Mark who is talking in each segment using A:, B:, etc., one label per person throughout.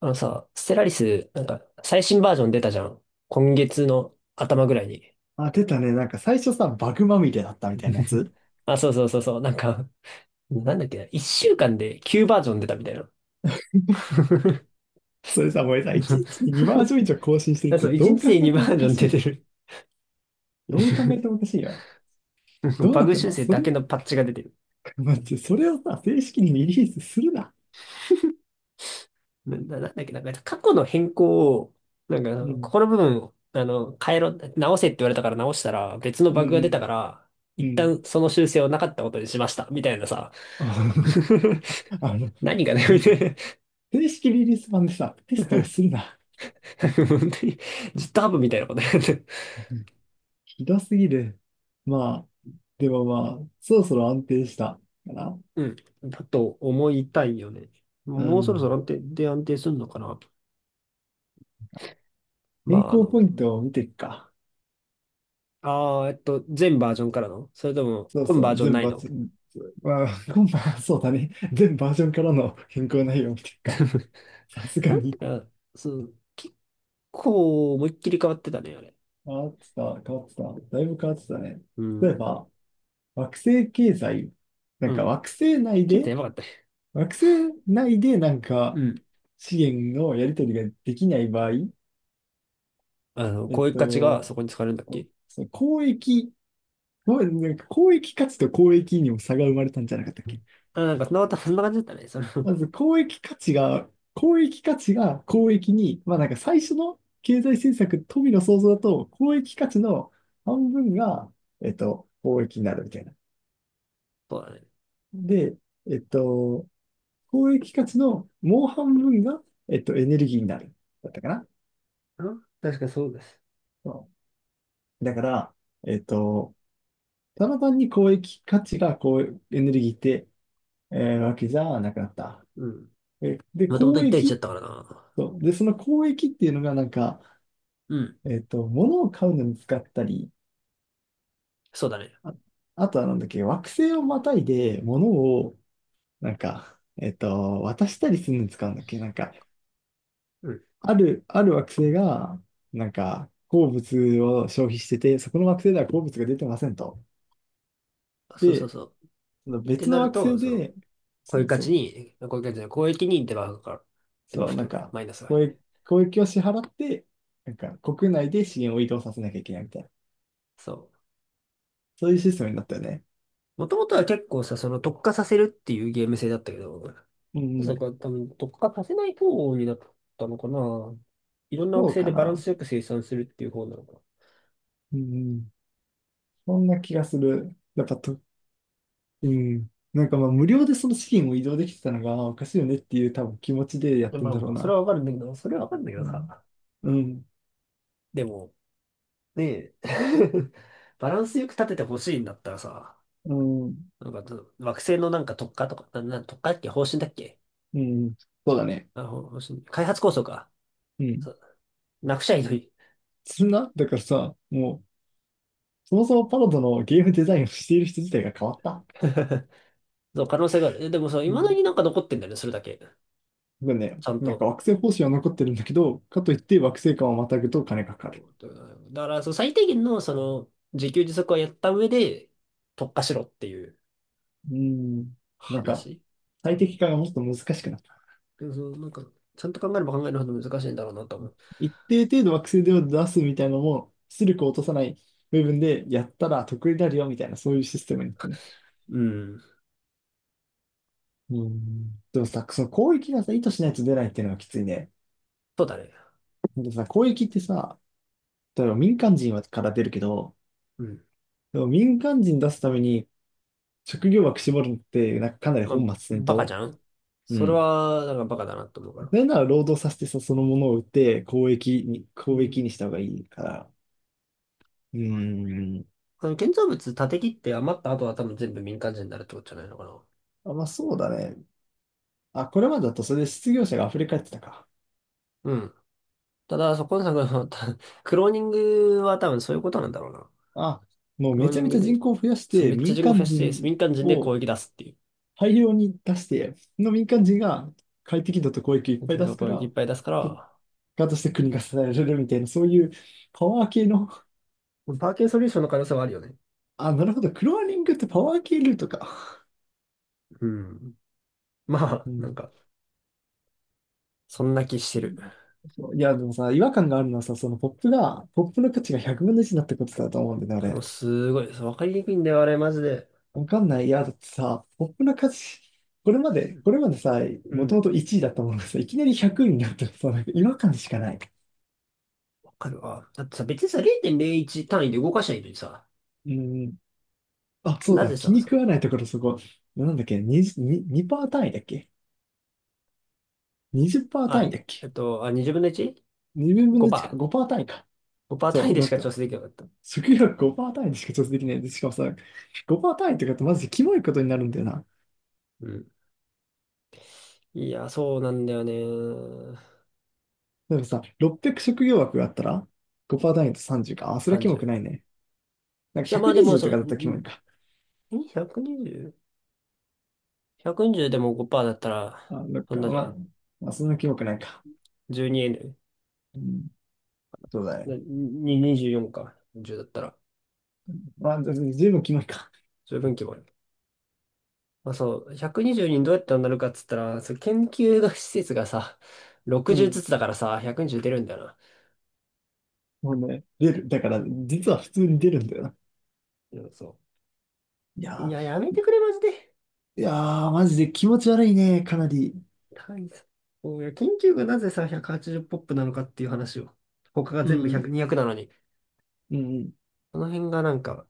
A: あのさ、ステラリス、なんか、最新バージョン出たじゃん。今月の頭ぐらいに。
B: あ、出たね。なんか最初さ、バグまみれだったみたいなや つ。
A: あ、そうそうそうそう。なんか、なんだっけな。1週間で9バージョン出たみたいな。
B: それさ、もうさ、1日に2バージョン以上更新してるっ
A: あ
B: て
A: そう、一
B: どう
A: 日
B: 考
A: で2
B: えて
A: バ
B: も
A: ー
B: お
A: ジョ
B: か
A: ン
B: し
A: 出
B: い。
A: てる。
B: どう考えてもおか しいよ。どう
A: バ
B: なっ
A: グ
B: てん
A: 修
B: の
A: 正
B: そ
A: だ
B: れ。
A: けのパッチが出てる。
B: 待って、それをさ、正式にリリースするな。
A: なんだっけな。なんか過去の変更を、なんかあ
B: う
A: の、こ
B: ん、
A: この部分を、あの、変えろ、直せって言われたから直したら、別の
B: う
A: バグが出た
B: ん、
A: から、
B: う
A: 一
B: ん。
A: 旦その修正をなかったことにしました。みたいなさ。
B: あ の、あの
A: 何がね、
B: 正式リリース版でさ、テストをするな。
A: 本当に GitHub みたいなことやって。
B: ひどすぎる。まあ、でもまあ、そろそろ安定したかな。
A: うん。だと思いたいよね。
B: う
A: もうそろそろ
B: ん。
A: 安定、で安定するのかな。ま
B: 変
A: あ、あ
B: 更
A: の、
B: ポイントを見ていくか。
A: ああ、全バージョンからのそれとも、
B: そう
A: 今
B: そ
A: バー
B: う、
A: ジョン
B: 全
A: ない
B: バー
A: の？
B: ジョン、まあ、今晩、そうだね。全バージョンからの変更内容っていうか、さすが
A: なん
B: に
A: か、そう、結構思いっきり変わってたね、あれ。
B: 変わってた、変わってた。だいぶ変わってたね。
A: う
B: 例え
A: ん。
B: ば、惑星経済、なん
A: う
B: か
A: ん。
B: 惑星内
A: 結構
B: で、
A: やばかったね。
B: 惑星内でなん
A: う
B: か
A: ん。
B: 資源のやり取りができない場合、
A: あの、
B: えっ
A: こういう価値が
B: と、
A: そこに使われるんだっけ？
B: その交易、ごめんなんか交易価値と交易にも差が生まれたんじゃなかったっけ？
A: あ、なんか、そんな感じだったね。その、そ
B: まず公益価値が公益に、まあなんか最初の経済政策、富の創造だと、公益価値の半分が、公益になるみたいな。
A: うだね。
B: で、えっと、公益価値のもう半分が、エネルギーになる。だったかな。
A: うん、確かそうです。
B: そうだから、えっと、ただ単に公益価値がこうエネルギーって、わけじゃなくなった。
A: うん。
B: で、
A: もともと
B: 公
A: 1対1だっ
B: 益。
A: たからな。
B: そう。で、その公益っていうのがなんか、
A: うん。
B: 物を買うのに使ったり、
A: そうだね。
B: あ、あとはなんだっけ、惑星をまたいで物を、なんか、渡したりするのに使うんだっけ？なんか、
A: うん。
B: ある惑星が、なんか、鉱物を消費してて、そこの惑星では鉱物が出てませんと。
A: そうそう
B: で、
A: そ
B: その
A: う。って
B: 別
A: な
B: の
A: る
B: 惑
A: と、
B: 星
A: その、
B: で、
A: こ
B: そ
A: ういう
B: の、
A: 価
B: そ
A: 値
B: う、
A: に、こういう価値じゃない、公益にデバフが、デバ
B: そう、
A: フと
B: な
A: いう
B: ん
A: か、
B: か、
A: マイナスが入る。
B: 交易、交易を支払って、なんか、国内で資源を移動させなきゃいけないみたいな、
A: そう。
B: そういうシステムになったよね。
A: もともとは結構さ、その特化させるっていうゲーム性だったけど、
B: うんうん、
A: そこは多分特化させない方になったのかな。いろんな
B: そ
A: 惑
B: う
A: 星
B: か
A: でバラン
B: な。
A: スよく生産するっていう方なのか
B: うんうん、そんな気がする。やっぱと、うん。なんかまあ無料でその資金を移動できてたのがあおかしいよねっていう多分気持ちでやっ
A: な。
B: て
A: ま
B: ん
A: あ、
B: だろ
A: も
B: う
A: うそれ
B: な。
A: はわかるんだけど、それはわかるんだけ
B: う
A: ど
B: ん。
A: さ。
B: うん。
A: でも、ねえ、バランスよく立ててほしいんだったらさ、
B: うん。
A: なんか惑星のなんか特化とか、特化だっけ？方針だっけ？
B: うん。そうだね。
A: あ、ほほし開発構想か。
B: うん。
A: そう、なくちゃいいのに。
B: だからさ、もう、そもそもパロドのゲームデザインをしている人自体が変わった。
A: そう、可能性がある。え、でもそう、
B: う
A: 未だ
B: ん。
A: になんか残ってんだよね、それだけ。
B: だね、
A: ちゃん
B: なんか
A: と。
B: 惑星方針は残ってるんだけど、かといって惑星間をまたぐと金がかかる。
A: だから、そう、最低限の、その、自給自足はやった上で、特化しろっていう
B: うん。なんか、
A: 話。う
B: 最
A: ん。
B: 適化がもっと難しくなった。
A: でもそう、なんか、ちゃんと考えれば考えるほど難しいんだろうなと思う。
B: 一定程度惑星では出すみたいなのも、出力を落とさない部分でやったら得になるよみたいな、そういうシステムになってる。
A: うん。
B: うん。でもさ、その攻撃がさ、意図しないと出ないっていうのがきついね。
A: そうだね。
B: でさ、攻撃ってさ、例えば民間人はから出るけど、
A: うん。
B: でも民間人出すために職業枠絞るのって、なんかかなり
A: まあ、
B: 本末転
A: バカじ
B: 倒。
A: ゃん
B: う
A: それ
B: ん。
A: は、なんかバカだなと思うから。
B: なんなら労働させてさ、そのものを売って攻撃に、
A: う
B: 攻
A: ん。
B: 撃にした方がいいから。うん。
A: あの建造物、建て切って余った後は多分全部民間人になるってことじゃないのかな。
B: あ、まあそうだね。あ、これまでだとそれで失業者が溢れ返ってたか。
A: うん。ただ、そこのさ、このたクローニングは多分そういうことなんだろうな。
B: あ、もう
A: クロ
B: め
A: ー
B: ち
A: ニ
B: ゃ
A: ン
B: め
A: グ
B: ちゃ
A: で、
B: 人口を増やし
A: そう、
B: て、
A: めっちゃ
B: 民
A: 人口フ
B: 間
A: ェしてす
B: 人
A: 民間人で攻
B: を
A: 撃出すっていう。
B: 大量に出して、その民間人が快適度と公益をいっ
A: だ
B: ぱ
A: け
B: い出
A: ど、
B: すか
A: 攻撃いっ
B: ら、
A: ぱい出すか
B: 結
A: ら、
B: 果として国が支えられるみたいな、そういうパワー系の、
A: パーキンソリューションの可能性はあるよね。
B: あ、なるほど、クローニングってパワー系ルートか。
A: うん。まあ、
B: う
A: なん
B: ん。
A: か、そんな気してる。
B: そういや、でもさ、違和感があるのはさ、ポップの価値が100分の1になったことだと思うんだよね、あ
A: もう
B: れ。
A: すごいです。わかりにくいんだよ、あれ、マジで。
B: わかんない。いや、だってさ、ポップな歌詞、これま
A: う
B: で、
A: ん、
B: これまでさ、もともと1位だったものがさ、いきなり100位になったらさ、なんか違和感しかない。
A: わかるわ。だってさ、別にさ、0.01単位で動かしないいのにさ、
B: うん。あ、そう
A: な
B: だ、
A: ぜ
B: 気
A: さ、
B: に
A: そ
B: 食
A: う、
B: わないところそこ、なんだっけ、20、ににパー単位だっけ？ 20% 単
A: あ、
B: 位だっけ？
A: あ、2分の
B: 2 分の1か、
A: 1?5%。
B: 5%単位か。
A: 5%
B: そ
A: 単位
B: う、
A: で
B: な
A: し
B: ん
A: か
B: か、
A: 調整できなかった。
B: 食欲5%単位でしか調整できない。で、しかもさ、5%単位ってかってマジでキモいことになるんだよな。
A: うん。いや、そうなんだよね。
B: なんかさ、600職業枠があったら、5%単位と30か。あ、それはキモく
A: 30。
B: ないね。なんか
A: いや、まあでも
B: 120
A: そ
B: と
A: う、
B: かだったらキモいか。
A: ん 120?120、 120でも5%だった
B: あ、
A: ら、
B: どっ
A: そん
B: か、
A: なじゃ
B: ま
A: ない
B: あ、まあ、そんなキモくないか。
A: ?12N。
B: うん、そうだ
A: な
B: ね。
A: に24か。10だったら、
B: まあ、ずずいぶキモいか。
A: 十分規模ある。まあそう、120にじゅうにんどうやってなるかっつったら、そう研究の施設がさ、
B: う
A: 60
B: ん。
A: ずつだからさ、120出るんだよな。
B: もうね、出る。だから、実は普通に出るんだよな。
A: うんそ
B: い
A: う。い
B: や
A: や、やめてくれ、マジで。
B: ー、いやー、マジで気持ち悪いね、かなり。
A: 単位さ。そういや、研究がなぜさ、180ポップなのかっていう話を。他が
B: う
A: 全部100、
B: ん、
A: 200なのに。
B: うん、
A: この辺がなんか、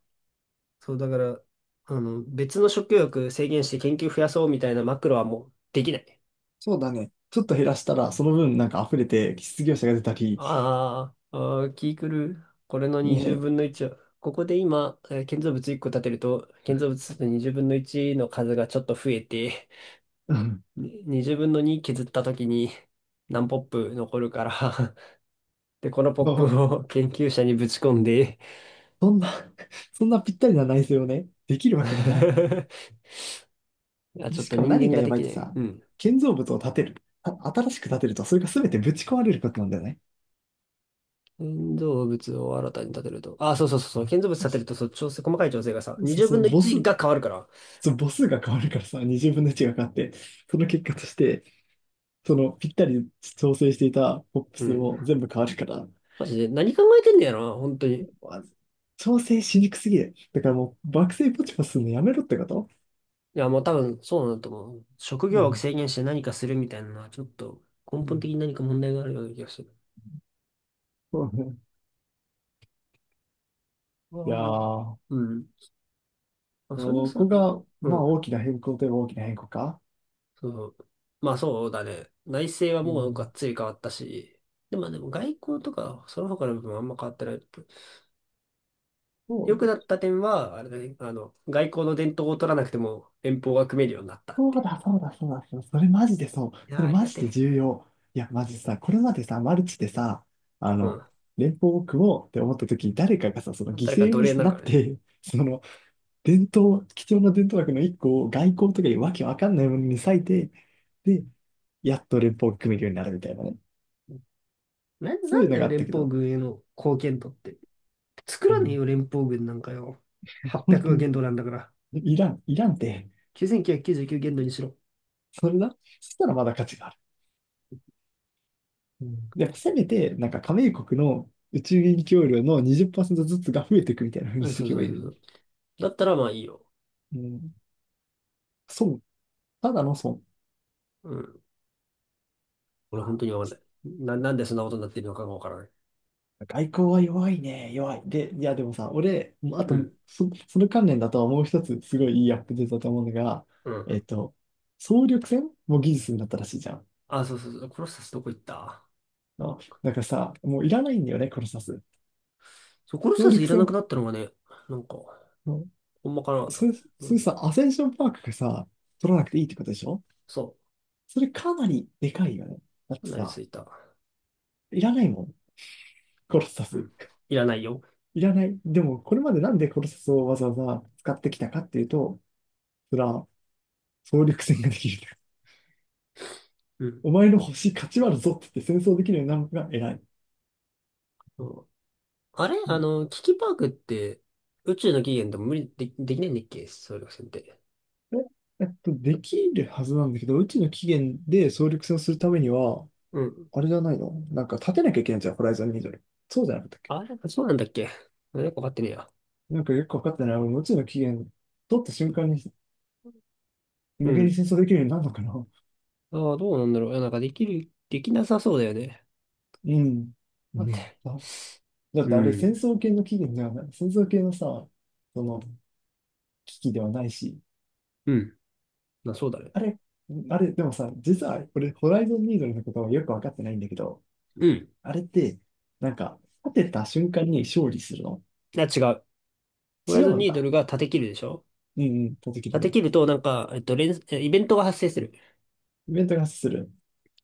A: そう、だから、あの、別の食欲制限して研究増やそうみたいなマクロはもうできない。
B: そうだね。ちょっと減らしたら、その分なんか溢れて、失業者が出たり、
A: ああ、あー気狂う。これの20
B: ね、
A: 分の1は、ここで今、建造物1個建てると、建造物の20分の1の数がちょっと増えて、
B: うん。
A: に20分の2削った時に何ポップ残るから？ で、このポッ
B: そ
A: プ
B: う
A: を研究者にぶち込んで、
B: そんな、そんなぴったりな内政をね、できるわけ がない。
A: あ、ち
B: で
A: ょっ
B: し
A: と
B: かも
A: 人
B: 何
A: 間
B: が
A: が
B: や
A: で
B: ばい
A: き
B: って
A: ない。
B: さ、
A: うん。
B: 建造物を建てる。あ、新しく建てると、それが全てぶち壊れることなんだよね。
A: 建造物を新たに建てると。あ、そうそうそうそう。建造物建てると、そう、調整、細かい調整がさ、二
B: そう
A: 0
B: そ
A: 分
B: う、
A: の
B: ボ
A: 一
B: ス、
A: が変わるから。
B: その母数が変わるからさ、20分の1が変わって、その結果として、そのぴったり調整していたポップ
A: う
B: 数
A: ん。
B: も全部変わるから、
A: マジで、何考えてんだよな、本当に。い
B: わ調整しにくすぎる。だからもう、爆睡ポチポチするのやめろってこと。
A: や、もう多分、そうなんだと思う。職
B: う
A: 業を
B: ん。
A: 制限して何かするみたいなのは、ちょっと、根
B: う
A: 本
B: ん、
A: 的に何か問題があるような気がする。
B: そうね。
A: あ
B: いや
A: ー、
B: ー、
A: うん。あ、それで
B: こ
A: さ、
B: こが、
A: う
B: まあ
A: ん。
B: 大きな変更といえば大きな変更か。
A: そう。まあ、そうだね。内政は
B: う
A: もうがっ
B: ん。
A: つり変わったし、でも外交とか、その他の部分はあんま変わってない。良くなった点は、あれだね、あの、外交の伝統を取らなくても連邦が組めるようになったっ
B: そ
A: てい
B: う
A: う。
B: だ、そうだ、そうだ、そうだ、それマジでそう。
A: いや
B: そ
A: ー、
B: れ
A: あり
B: マ
A: が
B: ジ
A: て
B: で
A: え。
B: 重要。いや、マジさ、これまでさ、マルチでさ、あの、
A: う
B: 連邦を組もうって思った時に、誰かがさ、その
A: ん。
B: 犠
A: 誰か
B: 牲
A: 奴
B: に
A: 隷になる
B: な
A: か
B: っ
A: らね。
B: て、その、伝統、貴重な伝統学の一個を外交とかいうわけわかんないものに割いて、で、やっと連邦を組めるようになるみたいなね。
A: な、
B: そ
A: な
B: ういう
A: んだ
B: のが
A: よ、
B: あった
A: 連
B: け
A: 邦
B: ど、
A: 軍への貢献度って。作
B: う
A: らねえ
B: ん、
A: よ、連邦軍なんかよ。
B: 本
A: 800
B: 当
A: が
B: に、
A: 限度なんだから。
B: いらん、いらんって、
A: 9999限度にしろ。
B: それだ、そしたらまだ価値がある。うん、やっぱせめて、なんか加盟国の宇宙影協量の20%ずつが増えていくみたいな風に
A: うん、
B: して
A: そ
B: い
A: う
B: け
A: そう
B: ばいい
A: そう
B: の
A: そ
B: に。
A: う。だったらまあいいよ。
B: うん。損。ただの損。
A: うん。俺本
B: あ
A: 当にわかんない。なんでそんなことになってるのかがわからない。
B: 外交は弱いね。弱い。で、いや、でもさ、俺、もうあ
A: う
B: と、
A: ん。
B: その関連だとはもう一つ、すごいいいアップデートだと思うのが、
A: うん。
B: えっと、総力戦も技術になったらしいじゃん。
A: あ、そうそうそう。コロッサスどこ行った？
B: あ、なんかさ、もういらないんだよね、コロサス。
A: そう、コロッ
B: 総
A: サスい
B: 力
A: らなく
B: 戦。
A: なったのがね、なんか、
B: うん、
A: ほんまかな
B: そ
A: と。
B: れ、
A: な
B: そ
A: ん
B: れ
A: で？
B: さ、アセンションパークがさ、取らなくていいってことでしょ？
A: そう。
B: それかなりでかいよね。だって
A: なりす
B: さ、
A: ぎた。
B: いらないもん、コロサ
A: う
B: ス。
A: ん。いらないよ。
B: いらない。でも、これまでなんでコロサスをわざわざ使ってきたかっていうと、それは総力戦ができる。
A: うん。
B: お前の星勝ち割るぞって言って戦争できるようになるのが偉い。
A: そう、あれ、あの、キキパークって、宇宙の起源でも無理で、できないんだっけ、総力戦って？
B: できるはずなんだけど、うちの起源で総力戦をするためには、
A: うん。
B: あれじゃないのなんか立てなきゃいけないじゃん、ホライゾンニードル。そうじゃなかったっけ？
A: あれ、そうなんだっけ？なんかわかってねえや。
B: なんかよくわかってない。俺、うちの起源取った瞬間に
A: う
B: 無限に
A: ん。
B: 戦争できるようになるのかな？
A: ああ、どうなんだろう。いや、なんかできる、できなさそうだよね。
B: うん。う
A: なんで？
B: ん。あだ
A: う
B: ってあれ戦
A: ん。
B: 争系の起源ではない。戦争系のさ、その危機ではないし、
A: うん。まあ、そうだね。
B: あれ、あれ、でもさ、実は俺、ホライゾンニードルのことはよく分かってないんだけど、
A: うん。い
B: あれって、なんか、立てた瞬間に勝利するの？
A: や、違う。ホライ
B: 違
A: ゾン
B: うん
A: ニード
B: だ。
A: ルが立て切るでしょ？
B: うんうん、立てきり
A: 立て
B: ね。
A: 切ると、なんか、イベントが発生する。
B: イベントが発生する。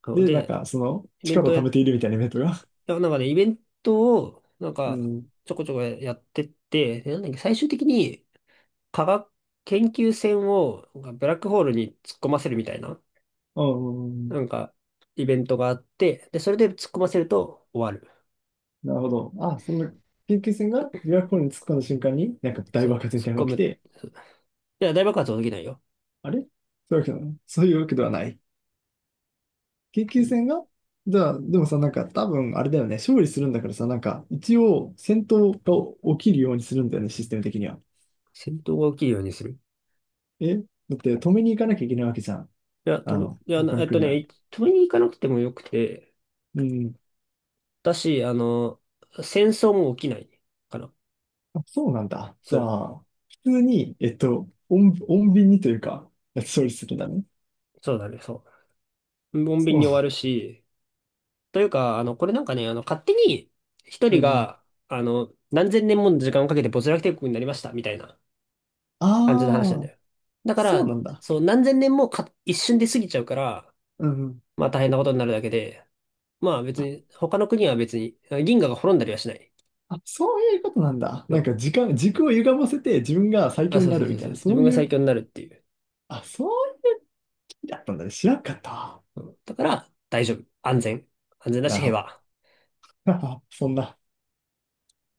A: そう
B: で、なん
A: で、
B: か、その、
A: イベン
B: 力
A: ト
B: を
A: をや
B: 貯め
A: っ
B: ているみたいなイベントが。
A: だからなんかね、イベントを、なん
B: う
A: か、
B: ん。
A: ちょこちょこやってって、でなんだっけ、最終的に科学研究船をなんかブラックホールに突っ込ませるみたいな、
B: うん。うん、
A: なんか、イベントがあって、で、それで突っ込ませると終わる。
B: なるほど。あ、その、研究船が琵琶湖に突っ込んだ瞬間に、なんか大
A: そ
B: 爆
A: う、
B: 発み
A: 突っ
B: たいな
A: 込
B: のが起き
A: む。
B: て、
A: そういや、大爆発は起きないよ。
B: あれ、そういうわけだね、そういうわけではない。研
A: う
B: 究
A: ん。
B: 戦が。じゃあ、でもさ、なんか多分あれだよね、勝利するんだからさ、なんか一応戦闘が起きるようにするんだよね、システム的には。
A: 戦闘が起きるようにする。
B: えだって止めに行かなきゃいけないわけじゃん。
A: いや、
B: あ
A: 飛ぶ、
B: の、
A: いや、な
B: 他
A: え
B: の
A: っと
B: 国は。
A: ね、飛びに行かなくてもよくて、
B: うん。
A: だし、あの、戦争も起きないかな。
B: あ、そうなんだ。じ
A: そ
B: ゃ
A: う、
B: あ、普通に、穏穏便にというか、勝利するんだね。
A: そうだね、そう。穏便
B: そう。
A: に終わるし、というか、あの、これなんかね、あの、勝手に一
B: う
A: 人
B: ん。
A: が、あの、何千年もの時間をかけて没落帝国になりました、みたいな感じの話なん
B: あ
A: だ
B: あ、
A: よ。だか
B: そう
A: ら、
B: なんだ。
A: そう、何千年もか、一瞬で過ぎちゃうから、
B: うん。
A: まあ大変なことになるだけで、まあ別
B: あ、
A: に、他の国は別に、銀河が滅んだりはしない。
B: あ、そういうことなんだ。
A: そ
B: なん
A: う、
B: か時間、軸を歪ませて自分が最
A: あ、
B: 強に
A: そう
B: な
A: そう
B: る
A: そ
B: み
A: う
B: た
A: そ
B: い
A: う、
B: な、
A: 自
B: そ
A: 分
B: う
A: が
B: い
A: 最
B: う、
A: 強になるっていう。
B: あ、そうやったんだね。知らんかった。
A: うん、だから、大丈夫。安全。安全だ
B: な
A: し、
B: るほ
A: 平
B: ど。
A: 和。
B: そんな。